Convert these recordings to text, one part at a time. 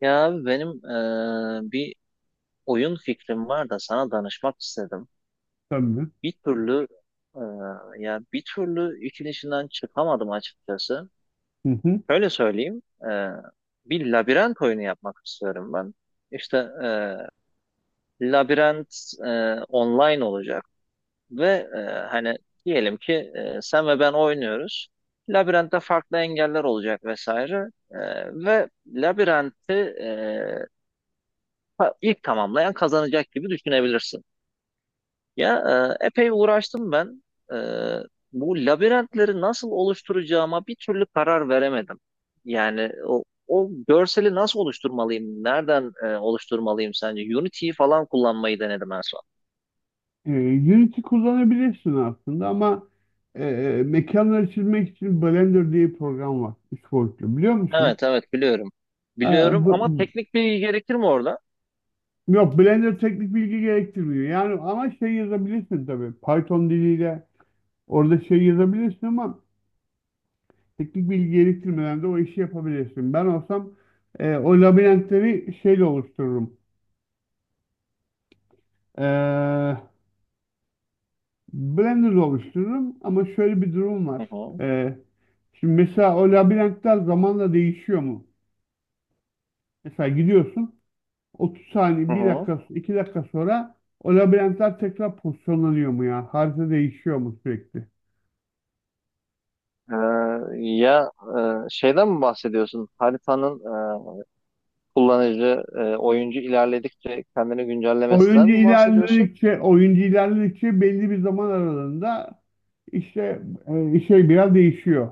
Ya abi benim bir oyun fikrim var da sana danışmak istedim. Tabii. Bir türlü eee, ya bir türlü işin içinden çıkamadım açıkçası. Hı hı. Öyle söyleyeyim. Bir labirent oyunu yapmak istiyorum ben. İşte labirent online olacak ve hani diyelim ki sen ve ben oynuyoruz. Labirentte farklı engeller olacak vesaire. Ve ilk tamamlayan kazanacak gibi düşünebilirsin. Ya Epey uğraştım ben. E, Bu labirentleri nasıl oluşturacağıma bir türlü karar veremedim. Yani o görseli nasıl oluşturmalıyım? Nereden oluşturmalıyım sence? Unity'yi falan kullanmayı denedim en son. Ee, Unity kullanabilirsin aslında ama e, mekanları çizmek için Blender diye bir program var. Üç boyutlu. Biliyor musun? Evet evet biliyorum. Ee, Biliyorum ama bu- teknik bilgi gerekir mi orada? Yok, Blender teknik bilgi gerektirmiyor. Yani ama şey yazabilirsin tabii. Python diliyle orada şey yazabilirsin ama teknik bilgi gerektirmeden de o işi yapabilirsin. Ben olsam o labirentleri şeyle oluştururum. Ee, Blender oluştururum ama şöyle bir durum var. Hı hı. Ee, Şimdi mesela o labirentler zamanla değişiyor mu? Mesela gidiyorsun 30 Hı saniye, bir hı. dakika, 2 dakika sonra o labirentler tekrar pozisyonlanıyor mu ya? Harita değişiyor mu sürekli? E, ya Şeyden mi bahsediyorsun? Haritanın e, oyuncu ilerledikçe kendini güncellemesinden Oyuncu mi bahsediyorsun? ilerledikçe, oyuncu ilerledikçe belli bir zaman aralığında işte şey biraz değişiyor.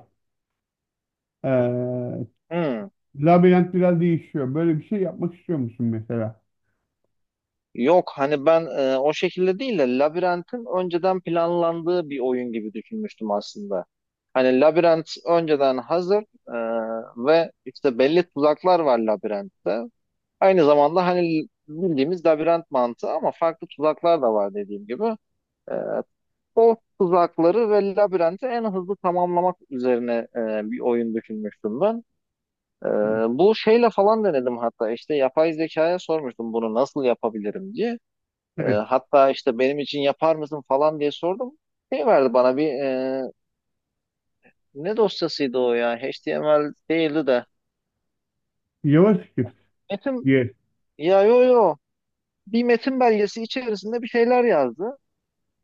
Ee, Hmm. Labirent biraz değişiyor. Böyle bir şey yapmak istiyor musun mesela? Yok, hani ben o şekilde değil de Labirent'in önceden planlandığı bir oyun gibi düşünmüştüm aslında. Hani Labirent önceden hazır e, ve işte belli tuzaklar var Labirent'te. Aynı zamanda hani bildiğimiz labirent mantığı ama farklı tuzaklar da var dediğim gibi. E, O tuzakları ve labirenti en hızlı tamamlamak üzerine bir oyun düşünmüştüm ben. Ee, Bu şeyle falan denedim hatta, işte yapay zekaya sormuştum bunu nasıl yapabilirim diye. Evet. Hatta işte benim için yapar mısın falan diye sordum. Şey verdi bana bir ne dosyasıydı o ya, HTML değildi de. JavaScript Metin diye. ya yo yo Bir metin belgesi içerisinde bir şeyler yazdı.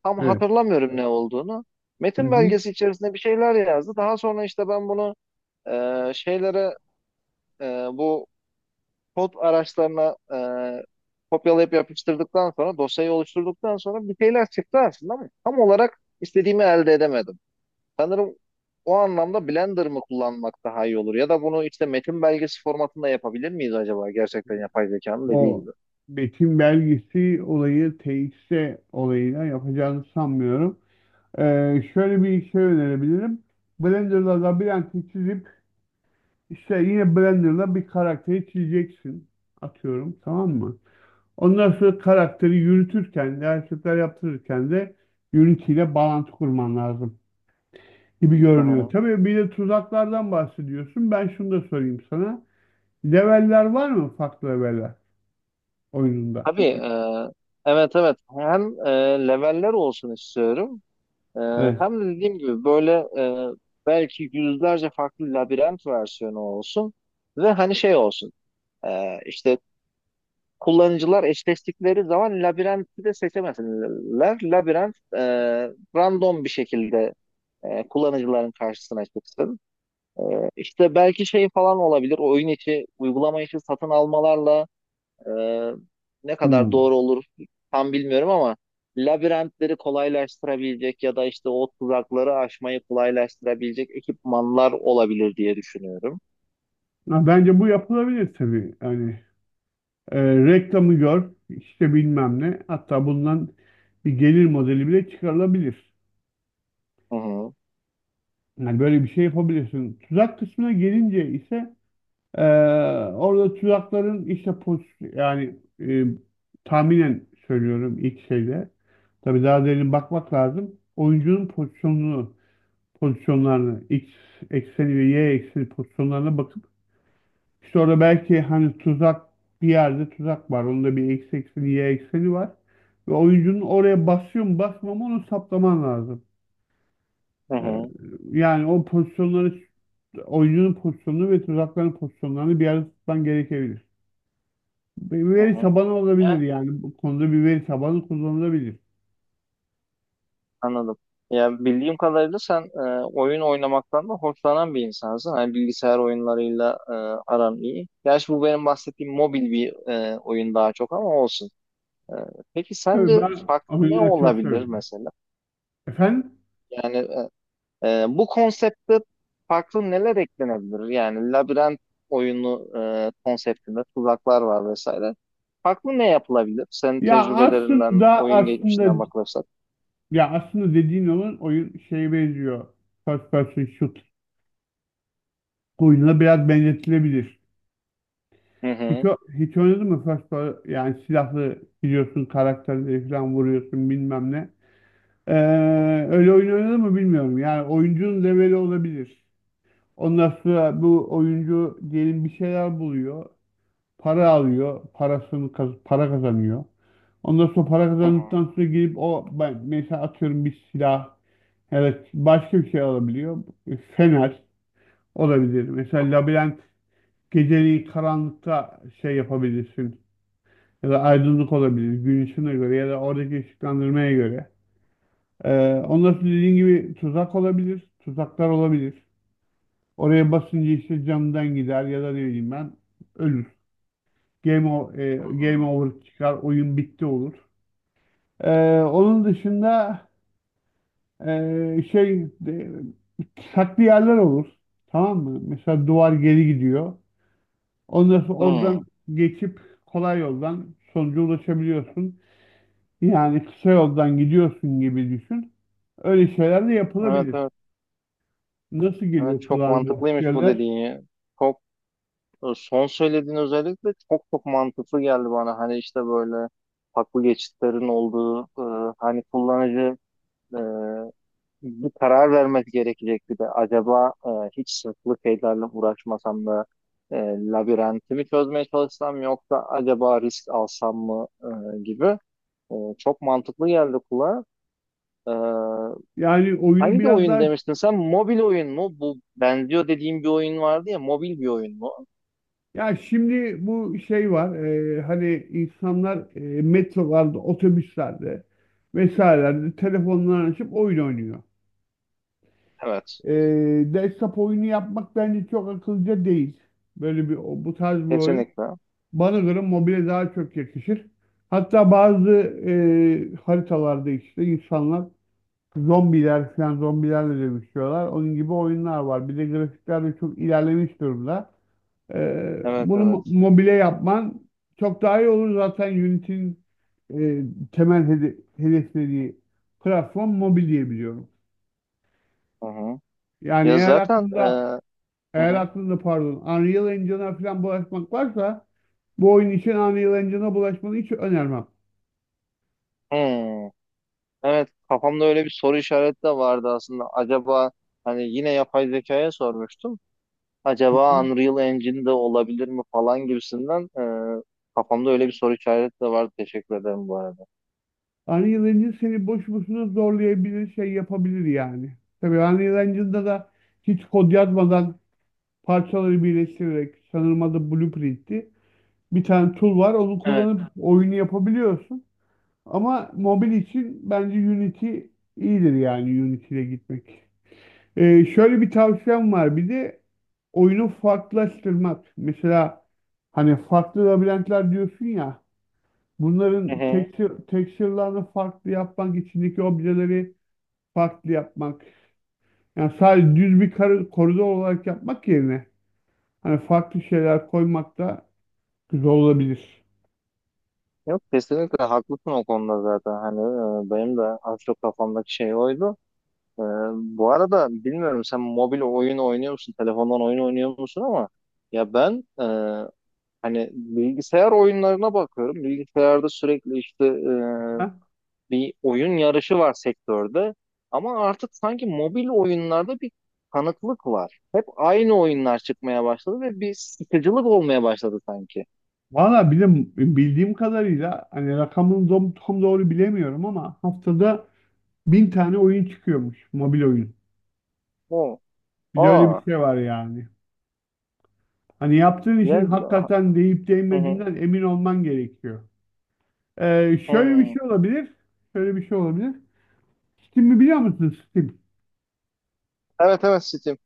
Tam Evet. hatırlamıyorum ne olduğunu. Hı Metin hı. belgesi içerisinde bir şeyler yazdı. Daha sonra işte ben bunu e, şeylere e, bu kod araçlarına kopyalayıp yapıştırdıktan sonra dosyayı oluşturduktan sonra bir şeyler çıktı aslında ama tam olarak istediğimi elde edemedim. Sanırım o anlamda Blender mı kullanmak daha iyi olur ya da bunu işte metin belgesi formatında yapabilir miyiz acaba, gerçekten yapay zekanın dediği O gibi. betim belgesi olayı TXT olayıyla yapacağını sanmıyorum. Şöyle bir şey önerebilirim. Blender'da labirenti çizip İşte yine Blender'la bir karakteri çizeceksin. Atıyorum, tamam mı? Ondan sonra karakteri yürütürken de hareketler yaptırırken de Unity'yle bağlantı kurman lazım gibi Hı görünüyor. hı. Tabii bir de tuzaklardan bahsediyorsun. Ben şunu da sorayım sana. Leveller var mı, farklı leveller oyununda? Tabii, evet evet, hem leveller olsun istiyorum, E, Evet. hem de dediğim gibi böyle e, belki yüzlerce farklı labirent versiyonu olsun ve hani şey olsun, işte kullanıcılar eşleştikleri zaman labirenti de seçemesinler. Labirent random bir şekilde kullanıcıların karşısına çıksın. E, işte belki şey falan olabilir. Oyun içi, uygulama içi satın almalarla e, ne kadar Hmm. doğru olur tam bilmiyorum ama labirentleri kolaylaştırabilecek ya da işte o tuzakları aşmayı kolaylaştırabilecek ekipmanlar olabilir diye düşünüyorum. Ha, bence bu yapılabilir tabii. Yani reklamı gör işte bilmem ne. Hatta bundan bir gelir modeli bile çıkarılabilir. Hı hı, Yani böyle bir şey yapabilirsin. Tuzak kısmına gelince ise eee, orada tuzakların işte pos yani tahminen söylüyorum ilk şeyde. Tabii daha derin bakmak lazım. Oyuncunun pozisyonunu, pozisyonlarını, X ekseni ve Y ekseni pozisyonlarına bakıp işte orada belki hani tuzak bir yerde tuzak var. Onda bir X ekseni, Y ekseni var. Ve oyuncunun oraya basıyor mu basmıyor mu onu saptaman lazım. hı Ee, hı, Yani o pozisyonları oyuncunun pozisyonunu ve tuzakların pozisyonlarını bir arada tutman gerekebilir. Bir hı veri hı. tabanı olabilir yani. Bu konuda bir veri tabanı kullanılabilir. Anladım. Ya bildiğim kadarıyla sen oyun oynamaktan da hoşlanan bir insansın. Hani bilgisayar oyunlarıyla aran iyi. Gerçi bu benim bahsettiğim mobil bir oyun daha çok ama olsun. E, peki Tabii sence ben farklı ne oyunları çok olabilir seviyorum. mesela? Efendim? Yani bu konsepte farklı neler eklenebilir? Yani labirent oyunu konseptinde tuzaklar var vesaire. Farklı ne yapılabilir? Senin Ya tecrübelerinden, aslında oyun geçmişinden aslında bakılırsak. ya aslında dediğin olan oyun şeye benziyor. First person shoot oyununa biraz benzetilebilir. Hı Hiç, hı. o- hiç oynadın mı first person, yani silahlı gidiyorsun karakterleri falan vuruyorsun bilmem ne. Ee, Öyle oyun oynadı mı bilmiyorum. Yani oyuncunun leveli olabilir. Ondan sonra bu oyuncu diyelim bir şeyler buluyor. Para alıyor. Para kazanıyor. Ondan sonra para Hı hı. kazandıktan sonra girip mesela atıyorum bir silah evet başka bir şey alabiliyor. Fener olabilir. Mesela labirent geceliği karanlıkta şey yapabilirsin. Ya da aydınlık olabilir. Gün ışığına göre ya da oradaki ışıklandırmaya göre. Ondan sonra dediğin gibi tuzak olabilir, tuzaklar olabilir. Oraya basınca işte camdan gider ya da ne bileyim ben ölür. Game, o- e, Hı game hı. over çıkar, oyun bitti olur. Onun dışında şey de, saklı yerler olur. Tamam mı? Mesela duvar geri gidiyor. Ondan sonra oradan Hı. geçip kolay yoldan sonuca ulaşabiliyorsun. Yani kısa yoldan gidiyorsun gibi düşün. Öyle şeyler de Evet yapılabilir. evet. Nasıl Evet geliyor çok kulağına bu mantıklıymış bu fikirler? dediğin ya. Çok Son söylediğin özellikle çok çok mantıklı geldi bana. Hani işte böyle haklı geçitlerin olduğu, hani kullanıcı e, bir karar vermesi gerekecek bir de, acaba hiç sırtlı şeylerle uğraşmasam da e, labirentimi çözmeye çalışsam, yoksa acaba risk alsam mı, e, gibi çok mantıklı geldi kulağa. E, Yani oyunu Hangi biraz oyun daha demiştin sen? Mobil oyun mu? Bu benziyor dediğim bir oyun vardı ya. Mobil bir oyun mu? ya şimdi bu şey var hani insanlar metrolarda, otobüslerde vesairelerde telefonlarını açıp oyun oynuyor. Evet. E, Desktop oyunu yapmak bence çok akıllıca değil. Bu tarz bir oyun. Kesinlikle. Bana göre mobile daha çok yakışır. Hatta bazı haritalarda işte insanlar zombiler falan zombilerle dövüşüyorlar. Onun gibi oyunlar var. Bir de grafikler de çok ilerlemiş durumda. Evet Bunu evet. mobile yapman çok daha iyi olur. Zaten Unity'nin e, temel hedeflediği platform mobil diye biliyorum. Hı hı. Yani Ya zaten e, hı eğer hı. aklında pardon Unreal Engine'a falan bulaşmak varsa bu oyun için Unreal Engine'a bulaşmanı hiç önermem. Hmm. Evet, kafamda öyle bir soru işareti de vardı aslında. Acaba, hani yine yapay zekaya sormuştum. Hı hı. Acaba Unreal Engine de olabilir mi falan gibisinden, e, kafamda öyle bir soru işareti de vardı. Teşekkür ederim bu arada. Unreal Engine seni boş boşuna zorlayabilir, şey yapabilir yani. Tabii Unreal Engine'da da hiç kod yazmadan parçaları birleştirerek, sanırım adı Blueprint'ti, bir tane tool var. Onu Evet. kullanıp oyunu yapabiliyorsun. Ama mobil için bence Unity iyidir, yani Unity ile gitmek. Şöyle bir tavsiyem var. Bir de oyunu farklılaştırmak. Mesela hani farklı labirentler diyorsun ya. Hı Bunların hı. Texture'larını farklı yapmak, içindeki objeleri farklı yapmak. Yani sadece koridor olarak yapmak yerine hani farklı şeyler koymak da güzel olabilir. Yok, kesinlikle haklısın o konuda, zaten hani benim de az çok kafamdaki şey oydu. E, Bu arada bilmiyorum, sen mobil oyun oynuyor musun? Telefondan oyun oynuyor musun? Ama ya ben e, hani bilgisayar oyunlarına bakıyorum. Bilgisayarda sürekli işte, Aha. bir oyun yarışı var sektörde ama artık sanki mobil oyunlarda bir kanıklık var. Hep aynı oyunlar çıkmaya başladı ve bir sıkıcılık olmaya başladı sanki. Valla, bildiğim kadarıyla hani tam doğru bilemiyorum ama haftada bin tane oyun çıkıyormuş. Mobil oyun. O. Bir de öyle bir Aa. şey var yani. Hani yaptığın Ya, işin hakikaten değip hı hı. değmediğinden emin olman gerekiyor. Şöyle bir Hı. şey olabilir. Şöyle bir şey olabilir. Steam'i biliyor musun, Steam? Evet evet, Steam.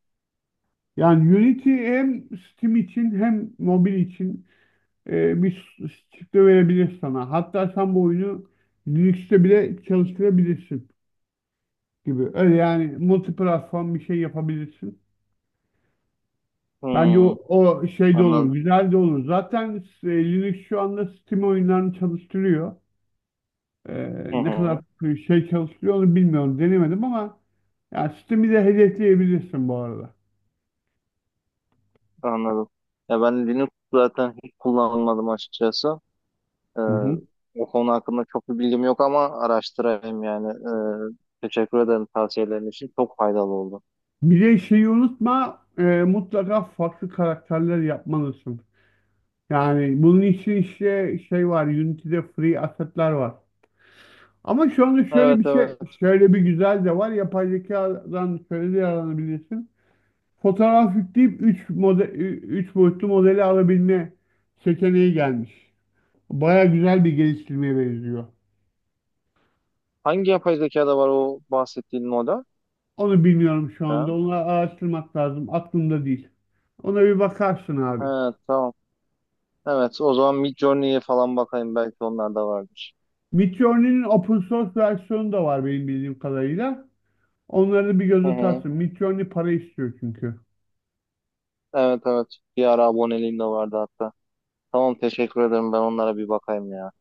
Yani Unity hem Steam için hem mobil için bir çıktı verebilir sana. Hatta sen bu oyunu Linux'te bile çalıştırabilirsin gibi. Öyle yani multi platform bir şey yapabilirsin. Bence o, Hmm, o şey de anladım. olur, güzel de olur. Zaten Linux şu anda Steam oyunlarını çalıştırıyor. E, Hı Ne kadar hı, şey çalıştırıyor onu bilmiyorum, denemedim ama yani Steam'i de hedefleyebilirsin bu arada. anladım. Ya ben Linux zaten hiç kullanmadım açıkçası. Ee, Hı hı. O konu hakkında çok bir bilgim yok ama araştırayım yani. Teşekkür ederim tavsiyelerin için. Çok faydalı oldu. Bir de şeyi unutma, mutlaka farklı karakterler yapmalısın. Yani bunun için işte şey var, Unity'de free asset'ler var. Ama şu anda şöyle Evet bir şey, evet. şöyle bir güzel de var. Yapay zekadan şöyle de yararlanabilirsin. Fotoğraf yükleyip 3 model, 3 boyutlu modeli alabilme seçeneği gelmiş. Baya güzel bir geliştirmeye benziyor. Hangi yapay zekada var o bahsettiğin model? Onu bilmiyorum şu Şu anda. an? Onu araştırmak lazım. Aklımda değil. Ona bir bakarsın He, abi. tamam. Evet o zaman Midjourney'e falan bakayım, belki onlar da vardır. Midjourney'nin open source versiyonu da var benim bildiğim kadarıyla. Onları bir göz Hı hı. atarsın. Midjourney para istiyor çünkü. Evet evet. Bir ara aboneliğim de vardı hatta. Tamam, teşekkür ederim, ben onlara bir bakayım ya.